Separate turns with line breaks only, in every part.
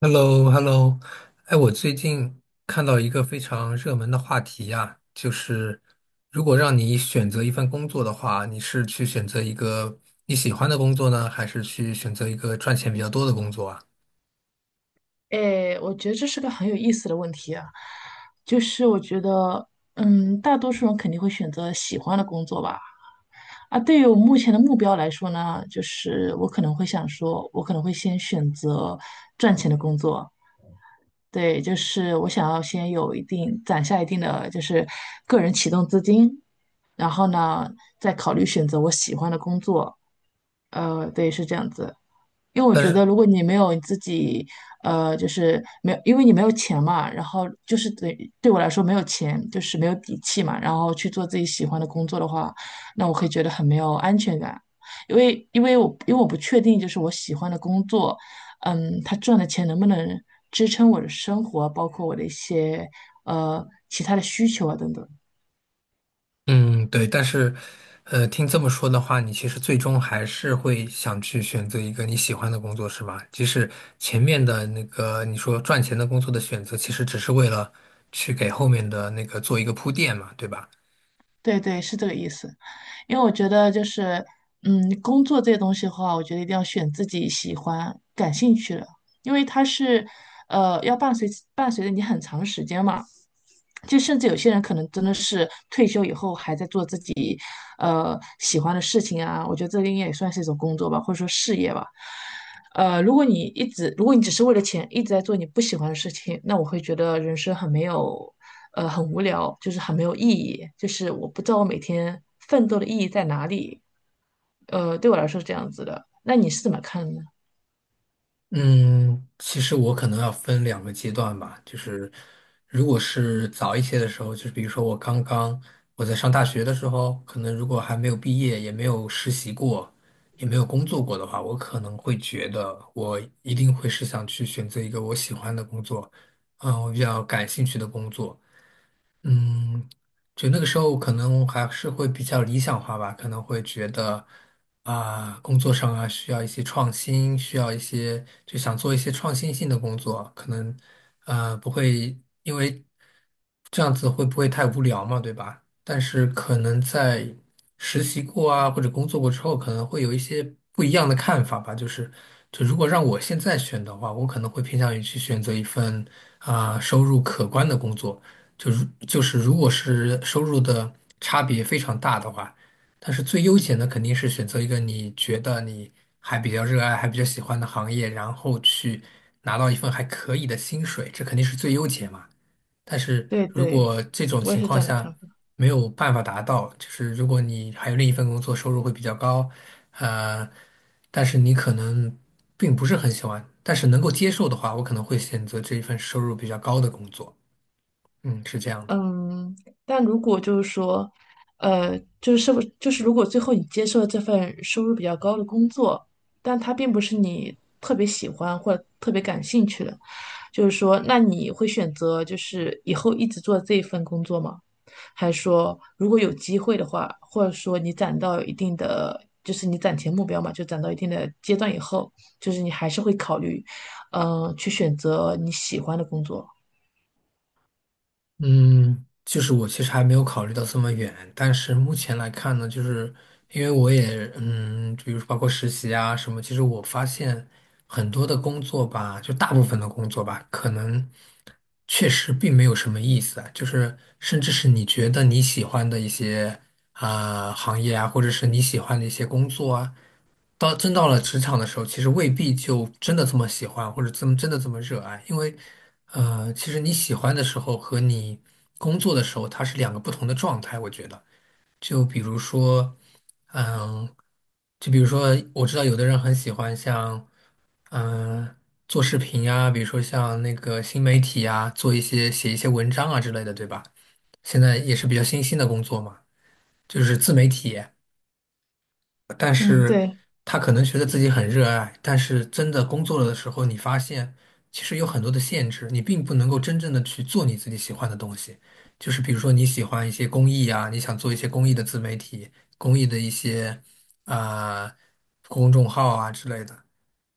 Hello, hello. 哎，我最近看到一个非常热门的话题呀，就是如果让你选择一份工作的话，你是去选择一个你喜欢的工作呢，还是去选择一个赚钱比较多的工作啊？
哎，我觉得这是个很有意思的问题啊，就是我觉得，嗯，大多数人肯定会选择喜欢的工作吧。啊，对于我目前的目标来说呢，我可能会先选择赚钱的工作。对，就是我想要先有一定攒下一定的个人启动资金，然后呢，再考虑选择我喜欢的工作。对，是这样子。因为我
但
觉
是，
得，如果你没有你自己，呃，就是没有，因为你没有钱嘛，然后我来说没有钱，就是没有底气嘛，然后去做自己喜欢的工作的话，那我会觉得很没有安全感，因为我不确定我喜欢的工作，他赚的钱能不能支撑我的生活，包括我的一些其他的需求啊等等。
嗯，对，但是，听这么说的话，你其实最终还是会想去选择一个你喜欢的工作，是吧？即使前面的那个你说赚钱的工作的选择，其实只是为了去给后面的那个做一个铺垫嘛，对吧？
对对，是这个意思。因为我觉得就是，嗯，工作这些东西的话，我觉得一定要选自己喜欢、感兴趣的，因为它是，要伴随着你很长时间嘛。就甚至有些人可能真的是退休以后还在做自己喜欢的事情啊。我觉得这个应该也算是一种工作吧，或者说事业吧。如果你只是为了钱一直在做你不喜欢的事情，那我会觉得人生很没有，很无聊，就是很没有意义，就是我不知道我每天奋斗的意义在哪里。对我来说是这样子的。那你是怎么看呢？
嗯，其实我可能要分两个阶段吧，就是如果是早一些的时候，就是比如说我刚刚我在上大学的时候，可能如果还没有毕业，也没有实习过，也没有工作过的话，我可能会觉得我一定会是想去选择一个我喜欢的工作，嗯，我比较感兴趣的工作。嗯，就那个时候可能还是会比较理想化吧，可能会觉得啊、工作上啊需要一些创新，需要一些就想做一些创新性的工作，可能不会因为这样子会不会太无聊嘛，对吧？但是可能在实习过啊或者工作过之后，可能会有一些不一样的看法吧。就是就如果让我现在选的话，我可能会偏向于去选择一份啊、收入可观的工作。就是如果是收入的差别非常大的话，但是最优解呢，肯定是选择一个你觉得你还比较热爱、还比较喜欢的行业，然后去拿到一份还可以的薪水，这肯定是最优解嘛。但是
对
如
对，
果这种
我也
情
是这
况
样的看
下
法。
没有办法达到，就是如果你还有另一份工作，收入会比较高，呃，但是你可能并不是很喜欢，但是能够接受的话，我可能会选择这一份收入比较高的工作。嗯，是这样的。
嗯，但如果就是说，呃，就是是不就是如果最后你接受了这份收入比较高的工作，但它并不是你特别喜欢或者特别感兴趣的，就是说，那你会选择就是以后一直做这一份工作吗？还是说如果有机会的话，或者说你攒到一定的，就是你攒钱目标嘛，就攒到一定的阶段以后，你还是会考虑，嗯、去选择你喜欢的工作。
嗯，就是我其实还没有考虑到这么远，但是目前来看呢，就是因为我也比如说包括实习啊什么，其实我发现很多的工作吧，就大部分的工作吧，可能确实并没有什么意思啊，就是甚至是你觉得你喜欢的一些啊、行业啊，或者是你喜欢的一些工作啊。到真到了职场的时候，其实未必就真的这么喜欢，或者这么真的这么热爱，因为，其实你喜欢的时候和你工作的时候，它是两个不同的状态。我觉得，就比如说，嗯，就比如说，我知道有的人很喜欢像，嗯，做视频呀，比如说像那个新媒体呀，做一些写一些文章啊之类的，对吧？现在也是比较新兴的工作嘛，就是自媒体。但
嗯，
是
对。
他可能觉得自己很热爱，但是真的工作了的时候，你发现其实有很多的限制，你并不能够真正的去做你自己喜欢的东西。就是比如说你喜欢一些公益啊，你想做一些公益的自媒体、公益的一些啊、公众号啊之类的，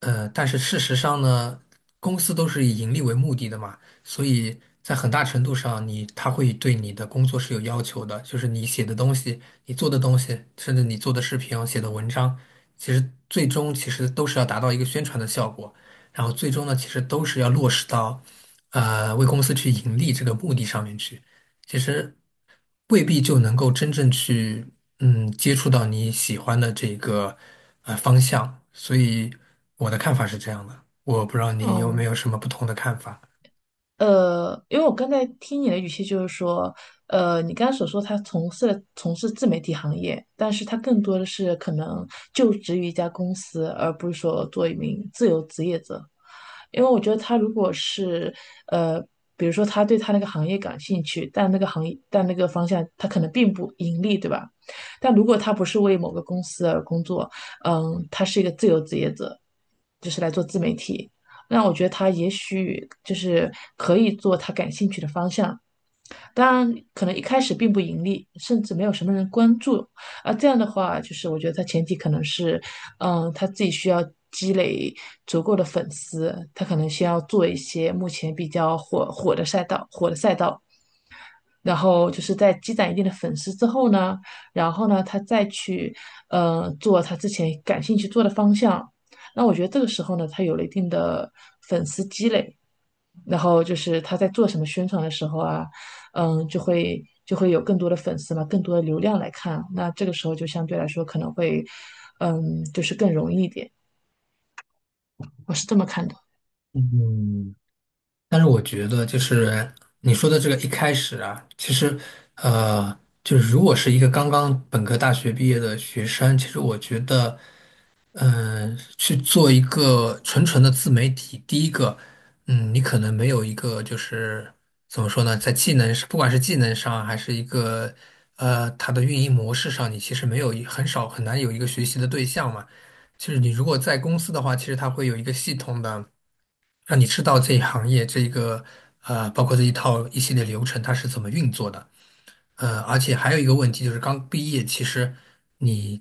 但是事实上呢，公司都是以盈利为目的的嘛，所以在很大程度上你，他会对你的工作是有要求的，就是你写的东西、你做的东西，甚至你做的视频啊、写的文章，其实最终其实都是要达到一个宣传的效果，然后最终呢，其实都是要落实到，为公司去盈利这个目的上面去，其实未必就能够真正去。嗯，接触到你喜欢的这个方向，所以我的看法是这样的。我不知道你有没
嗯，
有什么不同的看法。
因为我刚才听你的语气就是说，呃，你刚才所说他从事自媒体行业，但是他更多的是可能就职于一家公司，而不是说做一名自由职业者。因为我觉得他如果是呃，比如说他对他那个行业感兴趣，但那个行业但那个方向他可能并不盈利，对吧？但如果他不是为某个公司而工作，嗯，他是一个自由职业者，就是来做自媒体，那我觉得他也许就是可以做他感兴趣的方向。当然，可能一开始并不盈利，甚至没有什么人关注。啊，这样的话，就是我觉得他前提可能是，嗯，他自己需要积累足够的粉丝。他可能先要做一些目前比较火的赛道，火的赛道，然后就是在积攒一定的粉丝之后呢，然后呢，他再去，做他之前感兴趣做的方向。那我觉得这个时候呢，他有了一定的粉丝积累，然后就是他在做什么宣传的时候啊，嗯，就会有更多的粉丝嘛，更多的流量来看，那这个时候就相对来说可能会，嗯，就是更容易一点，我是这么看的。
嗯，但是我觉得就是你说的这个一开始啊，其实呃，就是如果是一个刚刚本科大学毕业的学生，其实我觉得。嗯，去做一个纯纯的自媒体，第一个，嗯，你可能没有一个就是怎么说呢，在技能，不管是技能上还是一个它的运营模式上，你其实没有很少很难有一个学习的对象嘛。就是你如果在公司的话，其实它会有一个系统的让你知道这一行业这一个包括这一套一系列流程它是怎么运作的。而且还有一个问题就是，刚毕业，其实你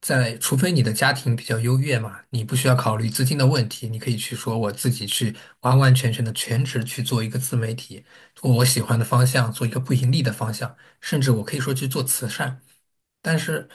在，除非你的家庭比较优越嘛，你不需要考虑资金的问题，你可以去说我自己去完完全全的全职去做一个自媒体，做我喜欢的方向，做一个不盈利的方向，甚至我可以说去做慈善。但是，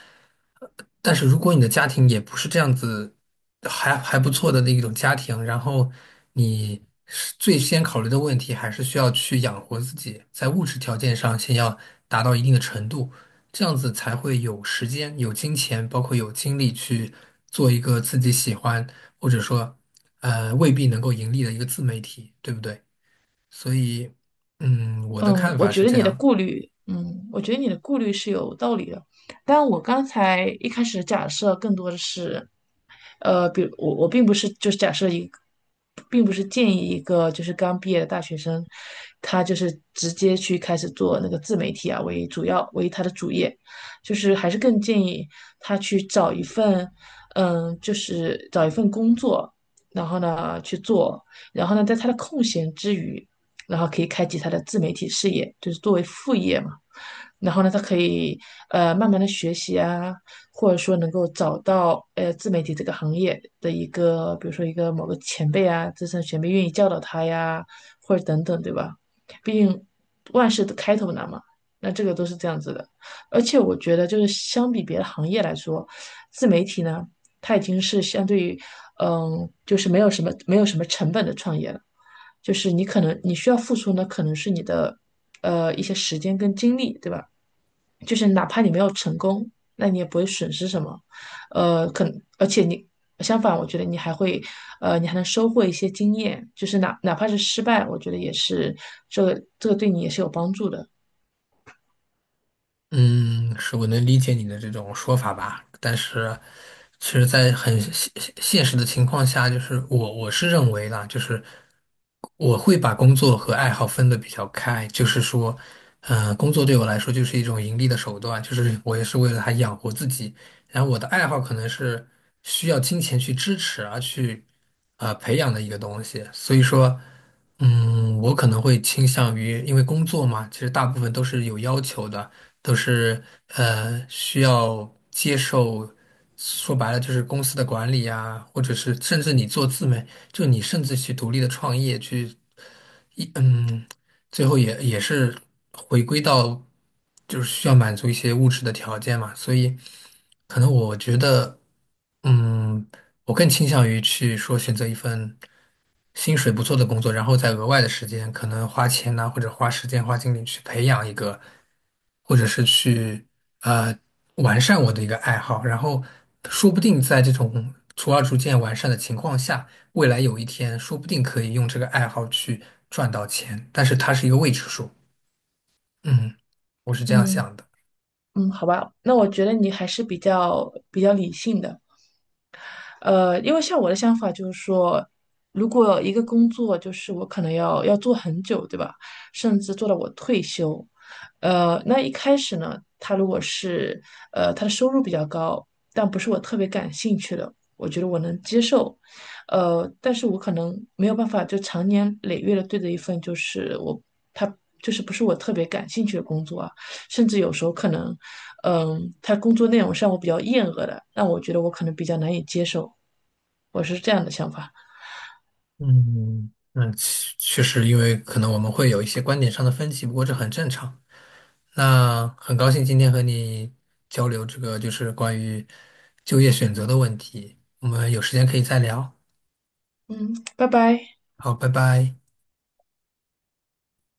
但是如果你的家庭也不是这样子，还不错的那一种家庭，然后你是最先考虑的问题还是需要去养活自己，在物质条件上先要达到一定的程度，这样子才会有时间、有金钱，包括有精力去做一个自己喜欢，或者说，未必能够盈利的一个自媒体，对不对？所以，嗯，我的
嗯，
看
我
法
觉
是
得
这
你的
样。
顾虑，嗯，我觉得你的顾虑是有道理的。但我刚才一开始的假设更多的是，呃，比如我我并不是假设一个，并不是建议一个就是刚毕业的大学生，他就是直接去开始做那个自媒体啊为他的主业，就是还是更建议他去找一份，就是找一份工作，然后呢去做。然后呢，在他的空闲之余，然后可以开启他的自媒体事业，就是作为副业嘛。然后呢，他可以慢慢的学习啊，或者说能够找到自媒体这个行业的一个，比如说一个某个前辈啊，资深前辈愿意教导他呀，或者等等，对吧？毕竟万事的开头难嘛，那这个都是这样子的。而且我觉得，就是相比别的行业来说，自媒体呢，它已经是相对于，嗯，就是没有什么成本的创业了。就是你可能你需要付出呢，可能是你的一些时间跟精力，对吧？就是哪怕你没有成功，那你也不会损失什么。呃，可而且你，相反，我觉得你还会你还能收获一些经验，就是哪怕是失败，我觉得也是这个对你也是有帮助的，
嗯，是我能理解你的这种说法吧，但是，其实，在很现实的情况下，就是我是认为啦，就是我会把工作和爱好分得比较开，就是说，工作对我来说就是一种盈利的手段，就是我也是为了它养活自己，然后我的爱好可能是需要金钱去支持而去啊、培养的一个东西，所以说，嗯，我可能会倾向于，因为工作嘛，其实大部分都是有要求的，都是需要接受，说白了就是公司的管理啊，或者是甚至你做自媒，就你甚至去独立的创业去。嗯，最后也是回归到，就是需要满足一些物质的条件嘛，所以可能我觉得，嗯，我更倾向于去说选择一份。薪水不错的工作，然后再额外的时间，可能花钱呐、或者花时间、花精力去培养一个，或者是去呃完善我的一个爱好，然后说不定在这种逐渐完善的情况下，未来有一天说不定可以用这个爱好去赚到钱，但是它是一个未知数。嗯，我是这样
嗯。
想的。
嗯，好吧，那我觉得你还是比较理性的。因为像我的想法就是说，如果一个工作就是我可能要做很久，对吧？甚至做到我退休，那一开始呢，他如果是他的收入比较高，但不是我特别感兴趣的，我觉得我能接受。但是我可能没有办法就长年累月的对着一份就是我他就是不是我特别感兴趣的工作啊，甚至有时候可能，嗯，他工作内容上我比较厌恶的，那我觉得我可能比较难以接受，我是这样的想法。
嗯，那确实，因为可能我们会有一些观点上的分歧，不过这很正常。那很高兴今天和你交流这个就是关于就业选择的问题，我们有时间可以再聊。
嗯，拜拜。
好，拜拜。